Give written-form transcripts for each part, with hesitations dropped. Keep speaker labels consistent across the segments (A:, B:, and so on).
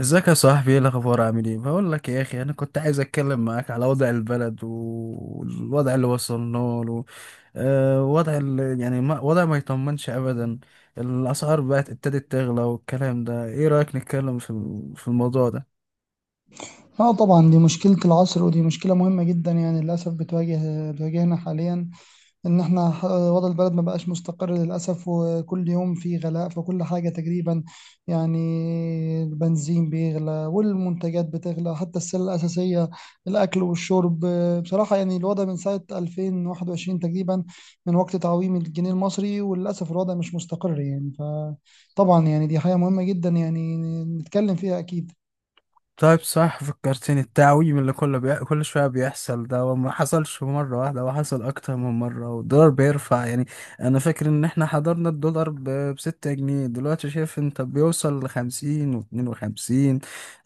A: ازيك يا صاحبي؟ ايه الاخبار؟ عامل ايه؟ بقول لك يا اخي، انا كنت عايز اتكلم معاك على وضع البلد و- والوضع اللي وصلنا له. وضع وضع ما يطمنش ابدا. الاسعار بقت ابتدت تغلى والكلام ده، ايه رايك نتكلم في في الموضوع ده؟
B: اه طبعا دي مشكلة العصر، ودي مشكلة مهمة جدا، يعني للأسف بتواجهنا حاليا. إن احنا وضع البلد ما بقاش مستقر للأسف، وكل يوم في غلاء في كل حاجة تقريبا يعني. البنزين بيغلى والمنتجات بتغلى، حتى السلة الأساسية الأكل والشرب. بصراحة يعني الوضع من ساعة 2021 تقريبا، من وقت تعويم الجنيه المصري، وللأسف الوضع مش مستقر يعني. فطبعا يعني دي حاجة مهمة جدا يعني نتكلم فيها أكيد.
A: طيب، صح، فكرتني التعويم اللي كله كل شوية بيحصل ده، وما حصلش مرة واحدة، هو حصل أكتر من مرة، والدولار بيرفع يعني. أنا فاكر إن إحنا حضرنا الدولار بستة جنيه، دلوقتي شايف أنت بيوصل لخمسين واتنين وخمسين.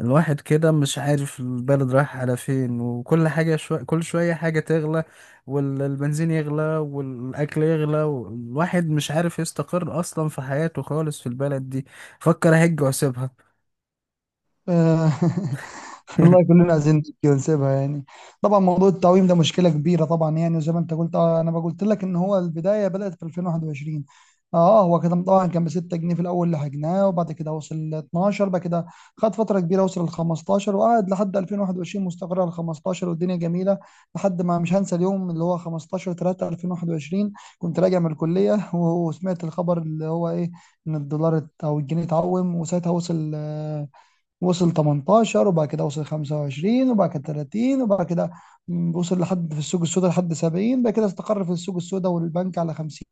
A: الواحد كده مش عارف البلد رايح على فين، وكل حاجة كل شوية حاجة تغلى. والبنزين يغلى والأكل يغلى، والواحد مش عارف يستقر أصلا في حياته خالص في البلد دي. فكر أهج وأسيبها.
B: آه، والله كلنا عايزين نبكي ونسيبها يعني. طبعا موضوع التعويم ده مشكله كبيره طبعا يعني، وزي ما انت قلت، انا ما قلت لك ان هو البدايه بدات في 2021. اه هو كده طبعا. كان ب 6 جنيه في الاول اللي حجناه، وبعد كده وصل ل 12 بعد كده. خد فتره كبيره وصل ل 15، وقعد لحد 2021 مستقر على 15، والدنيا جميله. لحد ما، مش هنسى اليوم اللي هو 15 3 2021، كنت راجع من الكليه وسمعت الخبر اللي هو ايه؟ ان الدولار او الجنيه اتعوم. وساعتها وصل، وصل 18، وبعد كده وصل 25، وبعد كده 30، وبعد كده وصل لحد في السوق السوداء لحد 70. بعد كده استقر في السوق السوداء والبنك على 50.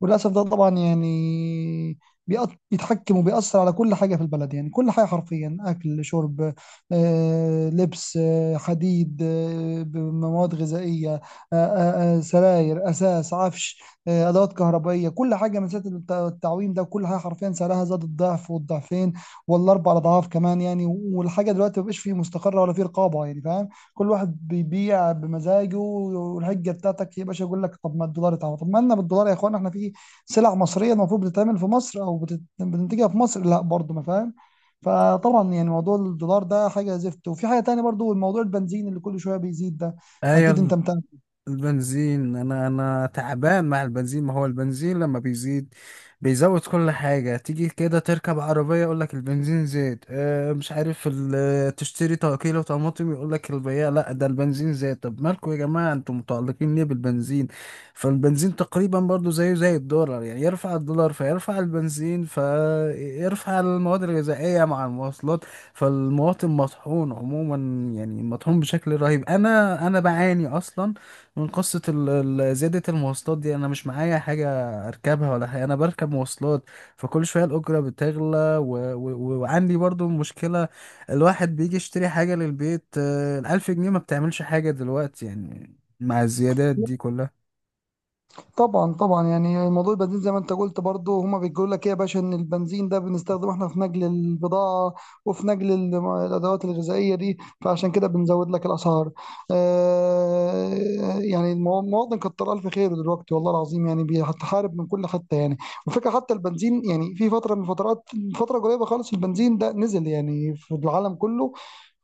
B: وللاسف ده طبعا يعني بيتحكم وبيأثر على كل حاجة في البلد يعني. كل حاجة حرفيا، أكل، شرب، لبس، حديد، مواد غذائية، سراير، أساس، عفش، أدوات كهربائية. كل حاجة من ساعة التعويم ده، كل حاجة حرفيا سعرها زاد الضعف والضعفين ولا اربع اضعاف كمان يعني. والحاجه دلوقتي مبقاش فيه مستقره ولا فيه رقابه، يعني فاهم. كل واحد بيبيع بمزاجه، والحجه بتاعتك يا باشا يقول لك: طب ما الدولار اتعمل. طب ما لنا بالدولار يا اخوان؟ احنا في سلع مصريه، المفروض بتتعمل في مصر او بتنتجها في مصر، لا برضه، ما فاهم. فطبعا يعني موضوع الدولار ده حاجه زفت، وفي حاجه تانية برضه، الموضوع البنزين اللي كل شويه بيزيد ده. اكيد انت
A: ايوه،
B: متابع.
A: البنزين انا تعبان مع البنزين. ما هو البنزين لما بيزيد بيزود كل حاجة. تيجي كده تركب عربية يقولك البنزين زاد. اه، مش عارف تشتري كيلو طماطم يقولك البياع لا ده البنزين زاد. طب مالكوا يا جماعة انتوا متعلقين ليه بالبنزين؟ فالبنزين تقريبا برضو زيه زي الدولار، يعني يرفع الدولار فيرفع البنزين فيرفع المواد الغذائية مع المواصلات. فالمواطن مطحون عموما، يعني مطحون بشكل رهيب. انا بعاني اصلا من قصة زيادة المواصلات دي. أنا مش معايا حاجة أركبها ولا حاجة، أنا بركب مواصلات، فكل شوية الأجرة بتغلى. وعندي برضو مشكلة، الواحد بيجي يشتري حاجة للبيت. الألف جنيه ما بتعملش حاجة دلوقتي يعني مع الزيادات دي كلها.
B: طبعا طبعا، يعني موضوع البنزين زي ما انت قلت برضو، هما بيقول لك ايه يا باشا؟ ان البنزين ده بنستخدمه احنا في نقل البضاعه وفي نقل الادوات الغذائيه دي، فعشان كده بنزود لك الاسعار. آه. يعني المواطن كتر الف خيره دلوقتي، والله العظيم يعني بيتحارب من كل حته يعني. وفكره، حتى البنزين يعني في فتره من فترات، فتره قريبه خالص، البنزين ده نزل يعني في العالم كله.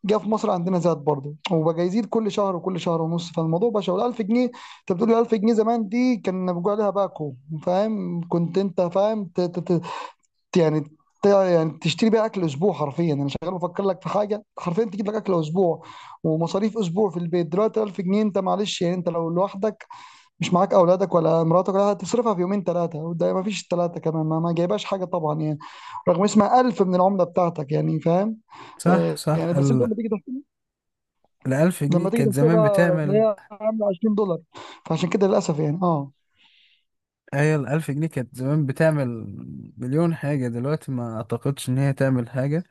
B: جه في مصر عندنا زاد برضه، وبقى يزيد كل شهر وكل شهر ونص. فالموضوع بقى شغل 1000 جنيه. انت بتقول 1000 جنيه؟ زمان دي كان بيقول عليها باكو، فاهم؟ كنت انت فاهم ت- يعني يعني تشتري بيها اكل اسبوع حرفيا. انا شغال بفكر لك في حاجه حرفيا تجيب لك اكل اسبوع ومصاريف اسبوع في البيت دلوقتي، 1000 جنيه. انت، معلش يعني، انت لو لوحدك، مش معاك اولادك ولا مراتك ولا حاجة، هتصرفها في يومين ثلاثه، وده ما فيش ثلاثه كمان، ما جايبهاش حاجه طبعا يعني، رغم اسمها 1000 من العمله بتاعتك، يعني فاهم.
A: صح،
B: يعني
A: صح.
B: بس انت لما تيجي،
A: الألف جنيه كانت زمان
B: تحسبها
A: بتعمل،
B: تلاقيها عامله 20 دولار. فعشان كده للاسف يعني اه.
A: هي الألف جنيه كانت زمان بتعمل مليون حاجة، دلوقتي ما أعتقدش إن هي تعمل حاجة.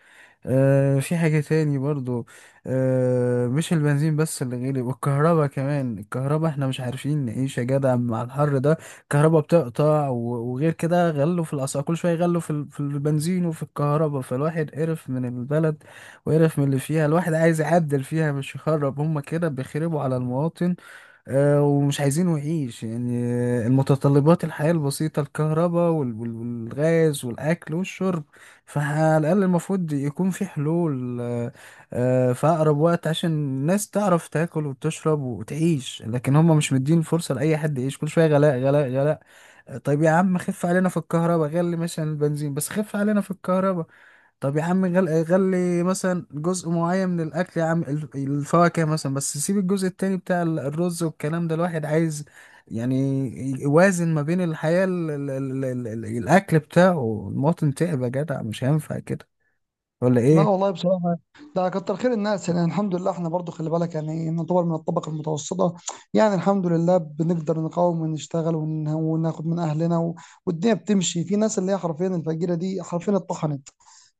A: في حاجة تاني برضو، مش البنزين بس اللي غالي، والكهرباء كمان. الكهرباء احنا مش عارفين نعيش يا جدع مع الحر ده. الكهرباء بتقطع، وغير كده غلوا في الأسعار كل شوية، غلوا في في البنزين وفي الكهرباء. فالواحد قرف من البلد وقرف من اللي فيها. الواحد عايز يعدل فيها مش يخرب، هما كده بيخربوا على المواطن. ومش عايزينه يعيش يعني. المتطلبات الحياة البسيطة: الكهرباء والغاز والأكل والشرب. فعلى الأقل المفروض يكون في حلول، في أقرب وقت، عشان الناس تعرف تاكل وتشرب وتعيش. لكن هم مش مدين فرصة لأي حد يعيش، كل شوية غلاء غلاء غلاء. طيب يا عم خف علينا في الكهرباء. غلي مثلا البنزين بس خف علينا في الكهرباء. طب يا عم غلي مثلا جزء معين من الاكل، يا عم الفواكه مثلا، بس سيب الجزء التاني بتاع الرز والكلام ده. الواحد عايز يعني يوازن ما بين الحياة الاكل بتاعه. المواطن تعب يا جدع، مش هينفع كده ولا
B: لا
A: ايه؟
B: والله بصراحه ده كتر خير الناس يعني. الحمد لله احنا برضو، خلي بالك يعني، نعتبر من الطبقه المتوسطه، يعني الحمد لله بنقدر نقاوم ونشتغل وناخد من اهلنا والدنيا بتمشي. في ناس اللي هي حرفيا الفقيره دي، حرفيا اتطحنت.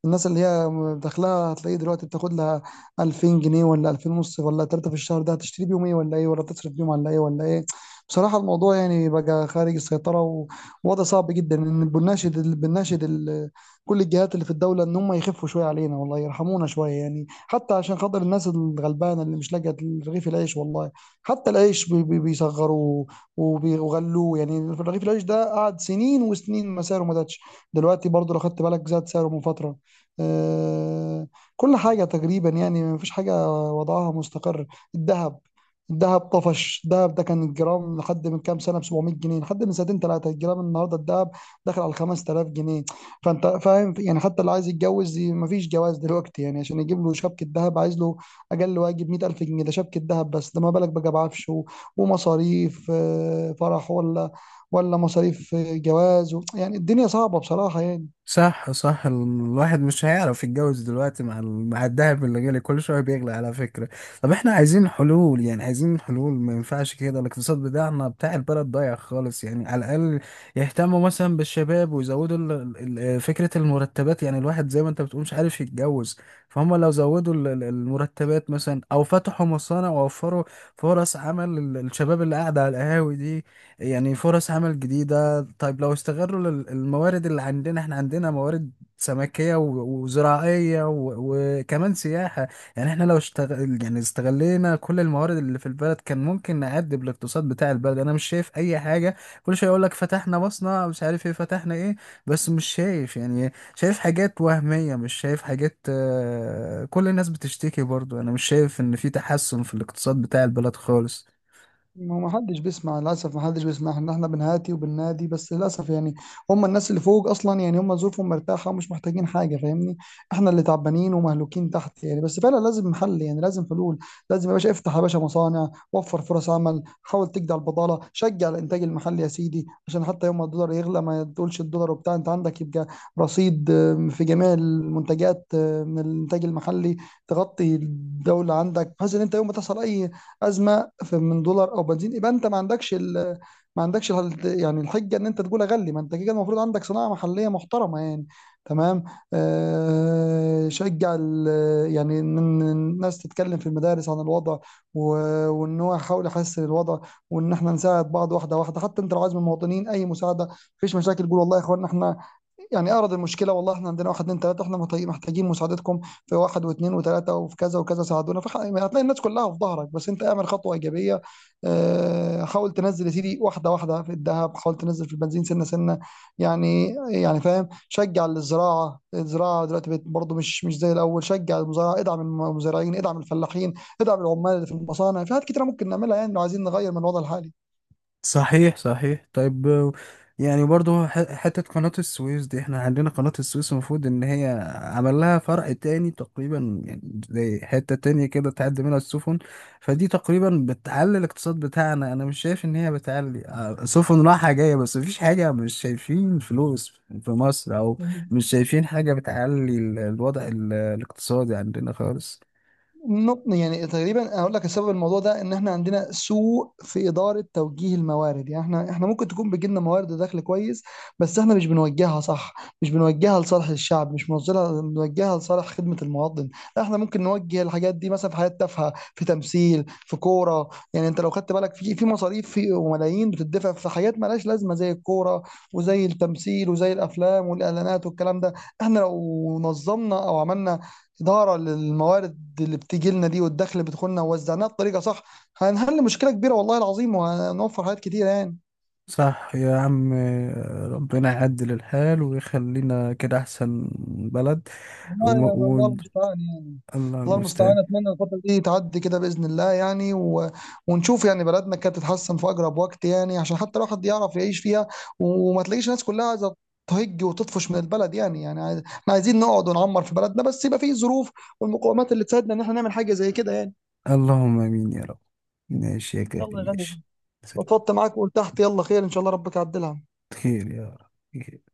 B: الناس اللي هي داخلها هتلاقيه دلوقتي بتاخد لها 2000 جنيه ولا 2000 ونص ولا 3 في الشهر، ده هتشتري بيهم ايه ولا ايه، ولا تصرف بيهم على ايه ولا ايه؟ بصراحة الموضوع يعني بقى خارج السيطرة، ووضع صعب جدا. ان بنناشد كل الجهات اللي في الدولة، ان هم يخفوا شوية علينا، والله يرحمونا شوية يعني، حتى عشان خاطر الناس الغلبانة اللي مش لاقية رغيف العيش والله. حتى العيش بيصغروه وغلوه يعني. رغيف العيش ده قعد سنين وسنين ما سعره ما زادش، دلوقتي برضه لو خدت بالك زاد سعره من فترة. آه، كل حاجة تقريبا يعني، مفيش حاجة وضعها مستقر. الذهب، الذهب طفش. الذهب ده كان الجرام لحد من كام سنة ب 700 جنيه، لحد من سنتين ثلاثة، الجرام النهاردة الذهب داخل على 5000 جنيه. فأنت فاهم يعني، حتى اللي عايز يتجوز مفيش جواز دلوقتي يعني. عشان يجيب له شبكة ذهب، عايز له أقل واجب 100000 جنيه، ده شبكة ذهب بس. ده ما بالك بقى بعفش ومصاريف فرح، ولا ولا مصاريف جواز يعني الدنيا صعبة بصراحة يعني.
A: صح صح. الواحد مش هيعرف يتجوز دلوقتي مع مع الدهب اللي غالي كل شويه بيغلى على فكره. طب احنا عايزين حلول، يعني عايزين حلول، ما ينفعش كده. الاقتصاد بتاعنا بتاع البلد ضايع خالص يعني. على الاقل يهتموا مثلا بالشباب، ويزودوا فكره المرتبات. يعني الواحد زي ما انت بتقول مش عارف يتجوز. فهم لو زودوا المرتبات مثلا، او فتحوا مصانع ووفروا فرص عمل للشباب اللي قاعده على القهاوي دي، يعني فرص عمل جديده. طيب لو استغلوا الموارد اللي عندنا. احنا عندنا موارد سمكية وزراعية وكمان سياحة. يعني احنا لو اشتغل يعني استغلينا كل الموارد اللي في البلد كان ممكن نعدب الاقتصاد بتاع البلد. انا مش شايف اي حاجة. كل شوية يقول لك فتحنا مصنع، مش عارف ايه فتحنا ايه، بس مش شايف يعني. شايف حاجات وهمية مش شايف حاجات. كل الناس بتشتكي برضو. انا مش شايف ان في تحسن في الاقتصاد بتاع البلد خالص.
B: ما حدش بيسمع، للاسف ما حدش بيسمع ان احنا بنهاتي وبننادي، بس للاسف يعني. هم الناس اللي فوق اصلا، يعني هم ظروفهم مرتاحه ومش محتاجين حاجه، فاهمني؟ احنا اللي تعبانين ومهلوكين تحت يعني. بس فعلا لازم حل، يعني لازم حلول. لازم يا باشا افتح يا باشا مصانع، وفر فرص عمل، حاول تجدع البضاله، شجع الانتاج المحلي يا سيدي، عشان حتى يوم ما الدولار يغلى ما تقولش الدولار وبتاع، انت عندك يبقى رصيد في جميع المنتجات من الانتاج المحلي تغطي الدوله عندك، بحيث ان انت يوم ما تحصل اي ازمه في من دولار او بنزين، يبقى انت ما عندكش ما عندكش ال... يعني الحجه ان انت تقول اغلي. ما انت كده المفروض عندك صناعه محليه محترمه يعني. تمام. آه شجع ال... يعني إن الناس تتكلم في المدارس عن الوضع، و... وان هو يحاول يحسن الوضع، وان احنا نساعد بعض واحده واحده. حتى انت لو عايز من المواطنين اي مساعده، مفيش مشاكل. قول: والله يا اخوانا احنا يعني اعرض المشكله، والله احنا عندنا واحد اتنين تلاته، احنا محتاجين مساعدتكم في واحد واثنين وثلاثه وفي كذا وكذا، ساعدونا. فهتلاقي الناس كلها في ظهرك، بس انت اعمل خطوه ايجابيه. حاول تنزل يا سيدي واحده واحده في الذهب، حاول تنزل في البنزين سنه سنه يعني. يعني فاهم، شجع الزراعه. الزراعه دلوقتي بقت برضه مش زي الاول. شجع المزارعه، ادعم المزارعين، ادعم الفلاحين، ادعم العمال اللي في المصانع. في حاجات كتيره ممكن نعملها يعني لو عايزين نغير من الوضع الحالي.
A: صحيح صحيح. طيب، يعني برضو حتة قناة السويس دي، احنا عندنا قناة السويس المفروض ان هي عمل لها فرع تاني تقريبا، يعني زي حتة تانية كده تعدي منها السفن. فدي تقريبا بتعلي الاقتصاد بتاعنا. انا مش شايف ان هي بتعلي. سفن رايحة جاية بس مفيش حاجة. مش شايفين فلوس في مصر، او مش شايفين حاجة بتعلي الوضع الاقتصادي عندنا خالص.
B: يعني تقريبا اقول لك السبب الموضوع ده، ان احنا عندنا سوء في اداره توجيه الموارد يعني. احنا ممكن تكون بيجي لنا موارد دخل كويس، بس احنا مش بنوجهها صح، مش بنوجهها لصالح الشعب، مش بنوجهها بنوجهها لصالح خدمه المواطن. لا، احنا ممكن نوجه الحاجات دي مثلا في حاجات تافهه، في تمثيل، في كوره يعني. انت لو خدت بالك في مصاريف في وملايين بتدفع في حاجات مالهاش لازمه، زي الكوره وزي التمثيل وزي الافلام والاعلانات والكلام ده. احنا لو نظمنا او عملنا إدارة للموارد اللي بتيجي لنا دي والدخل اللي بيدخلنا ووزعناها بطريقة صح، هنحل مشكلة كبيرة والله العظيم، وهنوفر حاجات كتير يعني.
A: صح يا عم، ربنا يعدل الحال ويخلينا كده أحسن بلد.
B: والله
A: وم...
B: يعني
A: و...
B: الله المستعان يعني.
A: الله
B: الله
A: المستعان.
B: المستعان. أتمنى الفترة دي تعدي كده بإذن الله يعني، ونشوف يعني بلدنا كانت تتحسن في أقرب وقت يعني، عشان حتى الواحد يعرف يعيش فيها، وما تلاقيش الناس كلها عايزة تهج وتطفش من البلد يعني. يعني احنا عايزين نقعد ونعمر في بلدنا، بس يبقى فيه ظروف والمقومات اللي تساعدنا ان احنا نعمل حاجة زي كده يعني.
A: اللهم آمين يا رب. ماشي يا كريم،
B: يلا يا غالي،
A: ماشي.
B: اتفضت معاك وقلت تحت، يلا خير ان شاء الله ربك يعدلها.
A: خير يا رب.